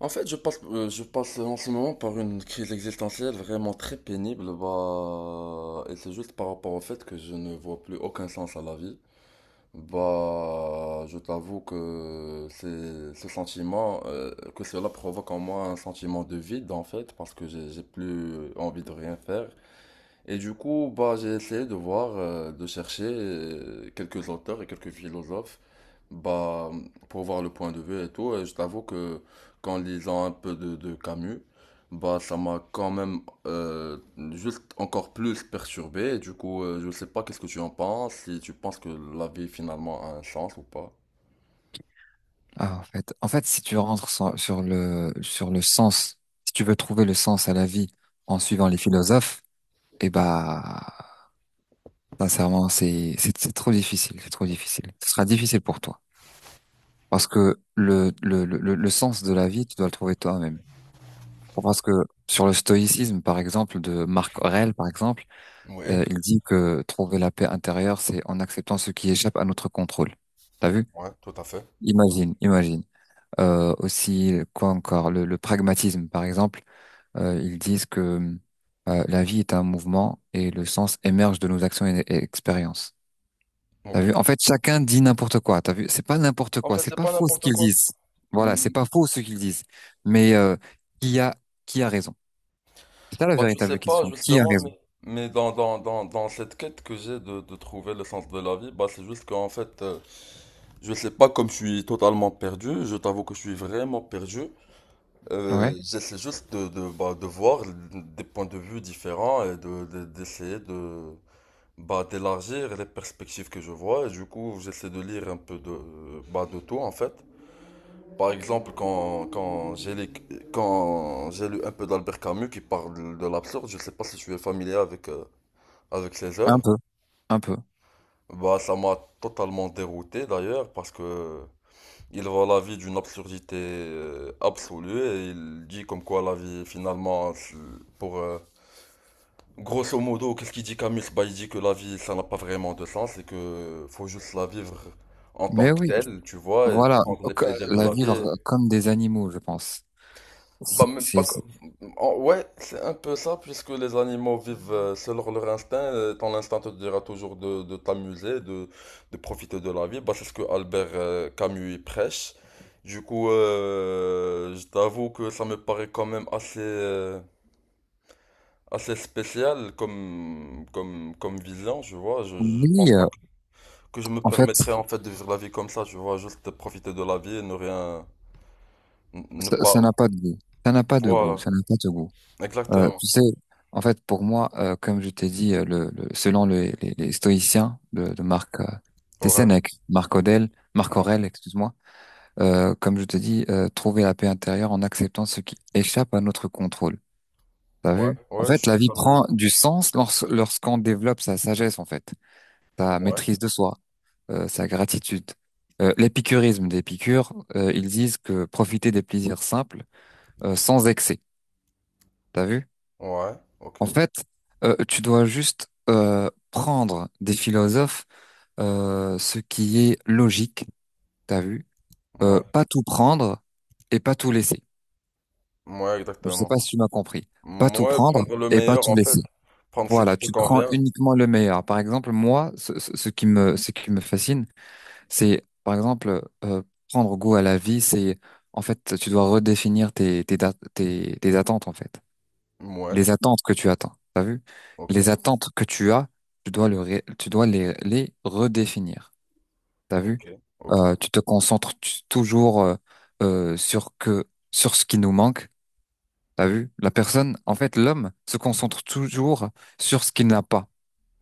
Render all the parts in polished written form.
En fait, je passe en ce moment par une crise existentielle vraiment très pénible, bah, et c'est juste par rapport au fait que je ne vois plus aucun sens à la vie. Bah, je t'avoue que c'est ce sentiment, que cela provoque en moi un sentiment de vide en fait, parce que j'ai plus envie de rien faire. Et du coup, bah, j'ai essayé de voir, de chercher quelques auteurs et quelques philosophes, bah, pour voir le point de vue et tout, et je t'avoue que qu'en lisant un peu de Camus, bah, ça m'a quand même juste encore plus perturbé. Et du coup, je sais pas qu'est-ce que tu en penses, si tu penses que la vie finalement a un sens ou pas. Ah, en fait, si tu rentres sur le sens, si tu veux trouver le sens à la vie en suivant les philosophes, eh bah, sincèrement, c'est trop difficile, c'est trop difficile. Ce sera difficile pour toi. Parce que le sens de la vie, tu dois le trouver toi-même. Parce que sur le stoïcisme, par exemple, de Marc Aurèle, par exemple, Oui. Il dit que trouver la paix intérieure, c'est en acceptant ce qui échappe à notre contrôle. T'as vu? Ouais, tout à fait. Imagine, imagine. Aussi, quoi encore? Le pragmatisme, par exemple. Ils disent que la vie est un mouvement et le sens émerge de nos actions et expériences. T'as vu? Ok. En fait, chacun dit n'importe quoi. T'as vu? C'est pas n'importe En quoi. fait, C'est c'est pas pas faux ce n'importe qu'ils quoi. disent. Voilà, c'est Mm. pas faux ce qu'ils disent. Mais qui a qui a raison? C'est ça la Bah, tu sais véritable pas, question. Qui a justement, raison? Mais dans cette quête que j'ai de trouver le sens de la vie, bah, c'est juste qu'en fait, je sais pas, comme je suis totalement perdu, je t'avoue que je suis vraiment perdu. Ouais, J'essaie juste bah, de voir des points de vue différents et d'essayer de, bah, d'élargir les perspectives que je vois. Et du coup, j'essaie de lire un peu bah, de tout en fait. Par exemple, quand j'ai lu un peu d'Albert Camus qui parle de l'absurde, je sais pas si tu es familier avec ses un œuvres. peu, un peu. Bah, ça m'a totalement dérouté d'ailleurs, parce que Il voit la vie d'une absurdité absolue, et il dit comme quoi la vie finalement, pour, grosso modo, qu'est-ce qu'il dit, Camus? Bah, il dit que la vie, ça n'a pas vraiment de sens et que faut juste la vivre en tant Mais que oui, telle, tu vois, et voilà, prendre les donc, plaisirs de la la vivre vie. comme des animaux, je pense. Bah, C'est, mais pas c'est- co- c'est- en- ouais, c'est un peu ça, puisque les animaux vivent selon leur instinct. Euh, ton instinct te dira toujours de, de t'amuser, de profiter de la vie. Bah, c'est ce que Albert Camus y prêche. Du coup, je t'avoue que ça me paraît quand même assez, assez spécial comme, comme vision, tu vois. Je pense oui, pas que je me en fait, permettrais en fait de vivre la vie comme ça, tu vois. Juste profiter de la vie et ne rien. Ne ça pas. n'a pas de goût. Ça n'a pas de goût. Voilà, Ça n'a pas de goût. Euh, exactement. tu sais, en fait, pour moi, comme je t'ai dit, selon les stoïciens de Marc, c'est Ouais. Sénèque, Marc Ouais. Aurèle, excuse-moi, comme je te dis, trouver la paix intérieure en acceptant ce qui échappe à notre contrôle. T'as Ouais, vu? En ouais, je fait, la suis vie prend familier. du sens lorsqu'on développe sa sagesse, en fait, sa Ouais, maîtrise de soi, sa gratitude. L'épicurisme d'Épicure, ils disent que profiter des plaisirs simples, sans excès. T'as vu? ouais, ok, En fait, tu dois juste prendre des philosophes, ce qui est logique, t'as vu? Euh, ouais, pas tout prendre et pas tout laisser. ouais, Je sais exactement. pas si tu m'as compris. Pas tout Ouais, prendre prendre le et pas meilleur tout en laisser. fait, prendre ce qui Voilà, te tu prends convient. uniquement le meilleur. Par exemple, moi, ce qui me fascine, c'est, par exemple, prendre goût à la vie, c'est, en fait, tu dois redéfinir tes attentes, en fait. Ouais, Les attentes que tu attends, t'as vu? ok, Les attentes que tu as, tu dois les redéfinir. T'as vu? ok, ok. Tu te concentres toujours sur ce qui nous manque. T'as vu? La personne, en fait, l'homme se concentre toujours sur ce qu'il n'a pas,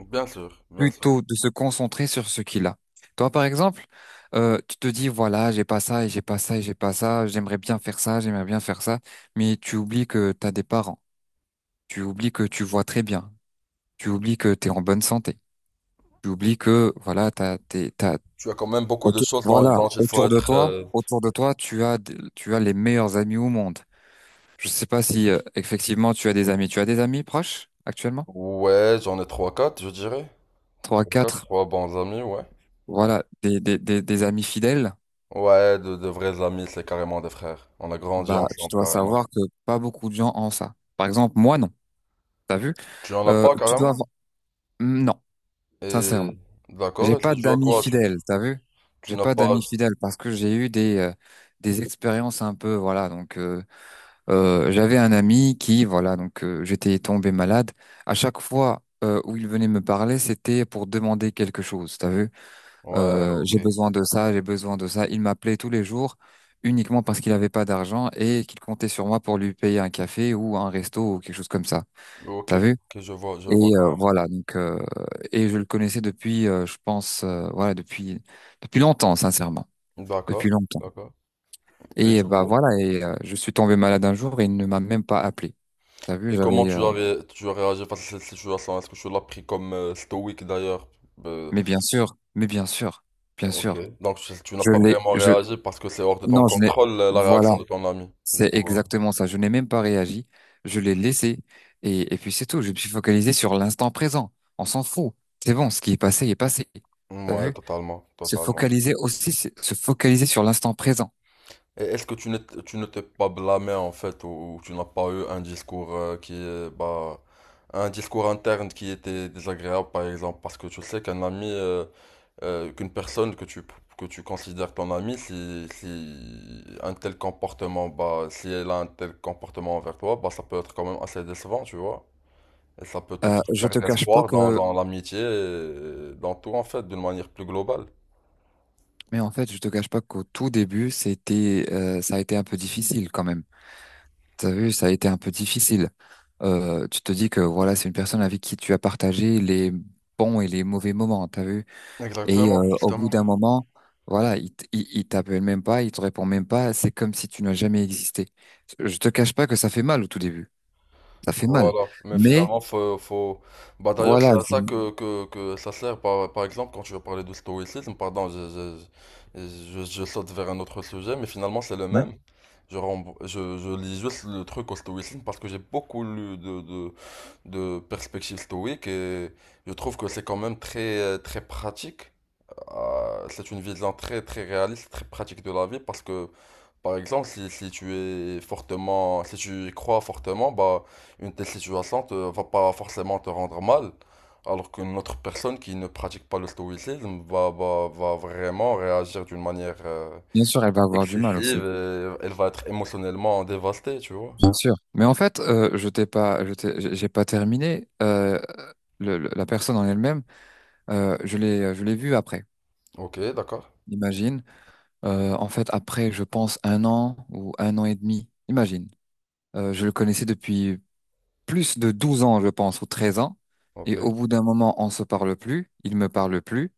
Bien sûr, bien sûr. plutôt de se concentrer sur ce qu'il a. Toi, par exemple, tu te dis voilà, j'ai pas ça et j'ai pas ça et j'ai pas ça. J'aimerais bien faire ça, j'aimerais bien faire ça, mais tu oublies que t'as des parents. Tu oublies que tu vois très bien. Tu oublies que tu es en bonne santé. Tu oublies que voilà, t'as, t'es, t'as, Tu as quand même beaucoup de autour, choses dont, voilà, dont il faut être. Autour de toi, tu as, tu as les meilleurs amis au monde. Je sais pas si effectivement tu as des amis. Tu as des amis proches actuellement? Ouais, j'en ai trois quatre, je dirais. Trois, quatre, Trois bons amis, ouais. Ouais, voilà, des amis fidèles. Ouais, de vrais amis, c'est carrément des frères. On a grandi Bah, tu ensemble, dois carrément. savoir que pas beaucoup de gens ont ça. Par exemple, moi non. T'as vu? Tu en as Euh, pas, tu dois carrément? avoir... Mm, non, sincèrement, Et j'ai d'accord, et ça pas se joue à d'amis quoi? Tu, fidèles. T'as vu? tu J'ai n'as pas pas. d'amis fidèles parce que j'ai eu des expériences un peu voilà donc. J'avais un ami qui, voilà, donc j'étais tombé malade. À chaque fois où il venait me parler, c'était pour demander quelque chose. T'as vu? Ouais, J'ai ok. besoin de ça, j'ai besoin de ça. Il m'appelait tous les jours uniquement parce qu'il n'avait pas d'argent et qu'il comptait sur moi pour lui payer un café ou un resto ou quelque chose comme ça. Ok, T'as vu? ok, je Et vois carrément. voilà, donc et je le connaissais depuis, je pense, voilà, depuis longtemps, sincèrement, D'accord, depuis longtemps. d'accord. Et Et du bah coup, voilà, et je suis tombé malade un jour et il ne m'a même pas appelé. T'as vu, et comment j'avais. Tu as, tu as réagi face à cette situation? Est-ce que tu l'as pris comme stoïque d'ailleurs? Euh, Mais bien sûr, bien ok. sûr. Donc tu n'as Je pas l'ai, vraiment je. réagi parce que c'est hors de ton Non, je n'ai. contrôle, la Voilà, réaction de ton ami. Du c'est coup, exactement ça. Je n'ai même pas réagi. Je l'ai laissé et puis c'est tout. Je me suis focalisé sur l'instant présent. On s'en fout. C'est bon, ce qui est passé est passé. T'as ouais, vu? totalement, Se totalement. focaliser aussi, c'est se focaliser sur l'instant présent. Et est-ce que tu ne t'es pas blâmé en fait, ou tu n'as pas eu un discours qui est, bah, un discours interne qui était désagréable par exemple? Parce que tu sais qu'un ami, qu'une personne que tu considères ton amie, si un tel comportement, bah, si elle a un tel comportement envers toi, bah, ça peut être quand même assez décevant, tu vois. Et ça peut te Euh, faire je te perdre cache pas espoir dans, que, dans l'amitié, et dans tout en fait, d'une manière plus globale. mais en fait, je te cache pas qu'au tout début, ça a été un peu difficile quand même. T'as vu, ça a été un peu difficile. Tu te dis que voilà, c'est une personne avec qui tu as partagé les bons et les mauvais moments, t'as vu? Et Exactement, au bout justement. d'un moment, voilà, il t'appelle même pas, il te répond même pas, c'est comme si tu n'as jamais existé. Je te cache pas que ça fait mal au tout début. Ça fait mal. Voilà, mais Mais finalement, faut, faut. Bah d'ailleurs, voilà, c'est à ça que, que ça sert, par exemple, quand tu veux parler de stoïcisme, pardon, je saute vers un autre sujet, mais finalement, c'est le ouais, même. Je lis juste le truc au stoïcisme parce que j'ai beaucoup lu de, de perspectives stoïques, et je trouve que c'est quand même très, très pratique, c'est une vision très très réaliste, très pratique de la vie, parce que par exemple si tu es fortement, si tu y crois fortement, bah une telle situation te va pas forcément te rendre mal, alors qu'une autre personne qui ne pratique pas le stoïcisme va vraiment réagir d'une manière bien sûr, elle va avoir du mal excessive, aussi. et elle va être émotionnellement dévastée, tu vois. Bien sûr. Mais en fait, je t'ai pas, je t'ai- j'ai pas terminé. La personne en elle-même, je l'ai vue après. Ok, d'accord. Imagine. En fait, après, je pense, un an ou un an et demi, imagine. Je le connaissais depuis plus de 12 ans, je pense, ou 13 ans. Ok, Et au bout d'un moment, on se parle plus, il me parle plus.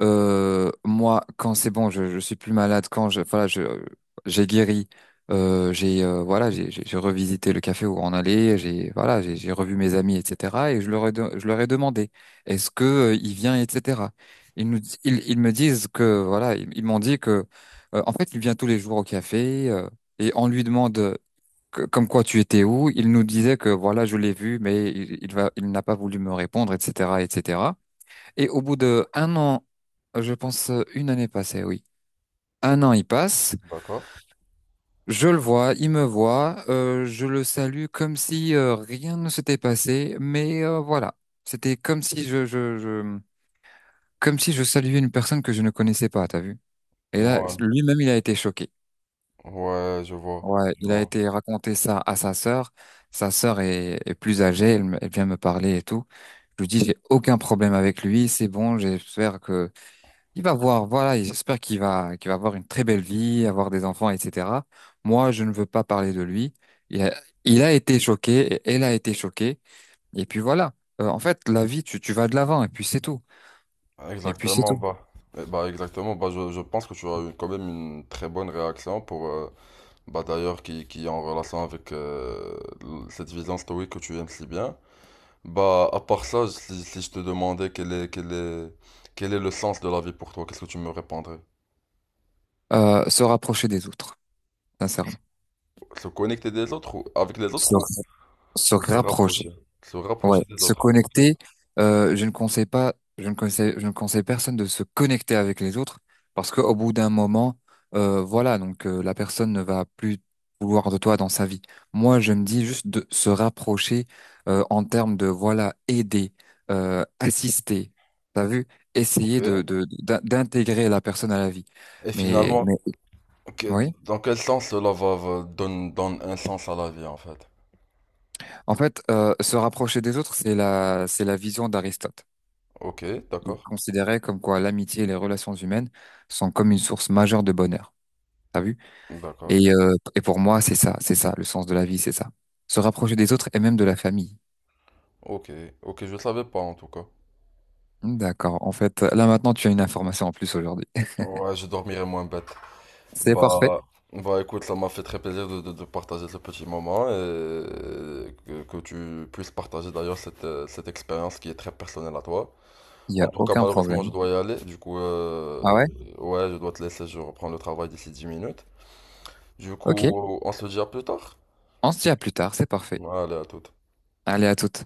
Moi, quand c'est bon, je suis plus malade, quand voilà, j'ai guéri, voilà, j'ai revisité le café où on allait, voilà, j'ai revu mes amis, etc. Et je leur ai demandé, est-ce que il vient, etc. Ils me disent que, voilà, ils m'ont dit que, en fait, il vient tous les jours au café, et on lui demande comme quoi tu étais où. Il nous disait que, voilà, je l'ai vu, mais il n'a pas voulu me répondre, etc., etc. Et au bout de un an, je pense une année passée, oui. Un an, il passe. d'accord. Je le vois, il me voit. Je le salue comme si rien ne s'était passé. Mais voilà, c'était comme si comme si je saluais une personne que je ne connaissais pas. T'as vu? Et là, Moi, lui-même, il a été choqué. ouais, ouais, je vois. Ouais, Je il a vois. été raconter ça à sa sœur. Sa sœur est plus âgée. Elle vient me parler et tout. Je lui dis, j'ai aucun problème avec lui. C'est bon. J'espère que il va voir, voilà, et j'espère qu'il va avoir une très belle vie, avoir des enfants, etc. Moi, je ne veux pas parler de lui. Il a, il a été choqué, et elle a été choquée, et puis voilà. En fait, la vie, tu vas de l'avant, et puis c'est tout. Et puis c'est Exactement, tout. bah. Eh bah exactement, bah, je pense que tu as eu quand même une très bonne réaction pour, bah, d'ailleurs, qui, est en relation avec, cette vision stoïque que tu aimes si bien. Bah, à part ça, si je te demandais quel est, quel est le sens de la vie pour toi, qu'est-ce que tu me répondrais? Se rapprocher des autres, sincèrement. Se connecter des autres, ou avec les autres, Se, ou, se ou se rapprocher. rapprocher? Se Ouais, rapprocher des se autres, ok, connecter, je ne conseille pas, je ne conseille personne de se connecter avec les autres parce qu'au bout d'un moment, voilà, donc la personne ne va plus vouloir de toi dans sa vie. Moi, je me dis juste de se rapprocher en termes de voilà, aider, assister, t'as vu, essayer ok. D'intégrer la personne à la vie. Et Mais finalement, que- oui, dans quel sens cela va, donne un sens à la vie, en fait? en fait, se rapprocher des autres, c'est la vision d'Aristote. Ok, Il d'accord, considérait comme quoi l'amitié et les relations humaines sont comme une source majeure de bonheur. T'as vu? d'accord. Et, pour moi, c'est ça, le sens de la vie, c'est ça. Se rapprocher des autres et même de la famille. Ok, ok, je le savais pas en tout cas. Hmm, d'accord. En fait, là maintenant, tu as une information en plus aujourd'hui. Ouais, je dormirai moins bête. C'est parfait. Bah, écoute, ça m'a fait très plaisir de, de partager ce petit moment, et que tu puisses partager d'ailleurs cette expérience qui est très personnelle à toi. Il n'y a En tout cas, aucun malheureusement, je problème. dois y aller. Du coup, Ah ouais? ouais, je dois te laisser, je reprends le travail d'ici 10 minutes. Du Ok. coup, on se dit à plus tard. On se dit à plus tard, c'est parfait. Allez, à tout. Allez, à toutes.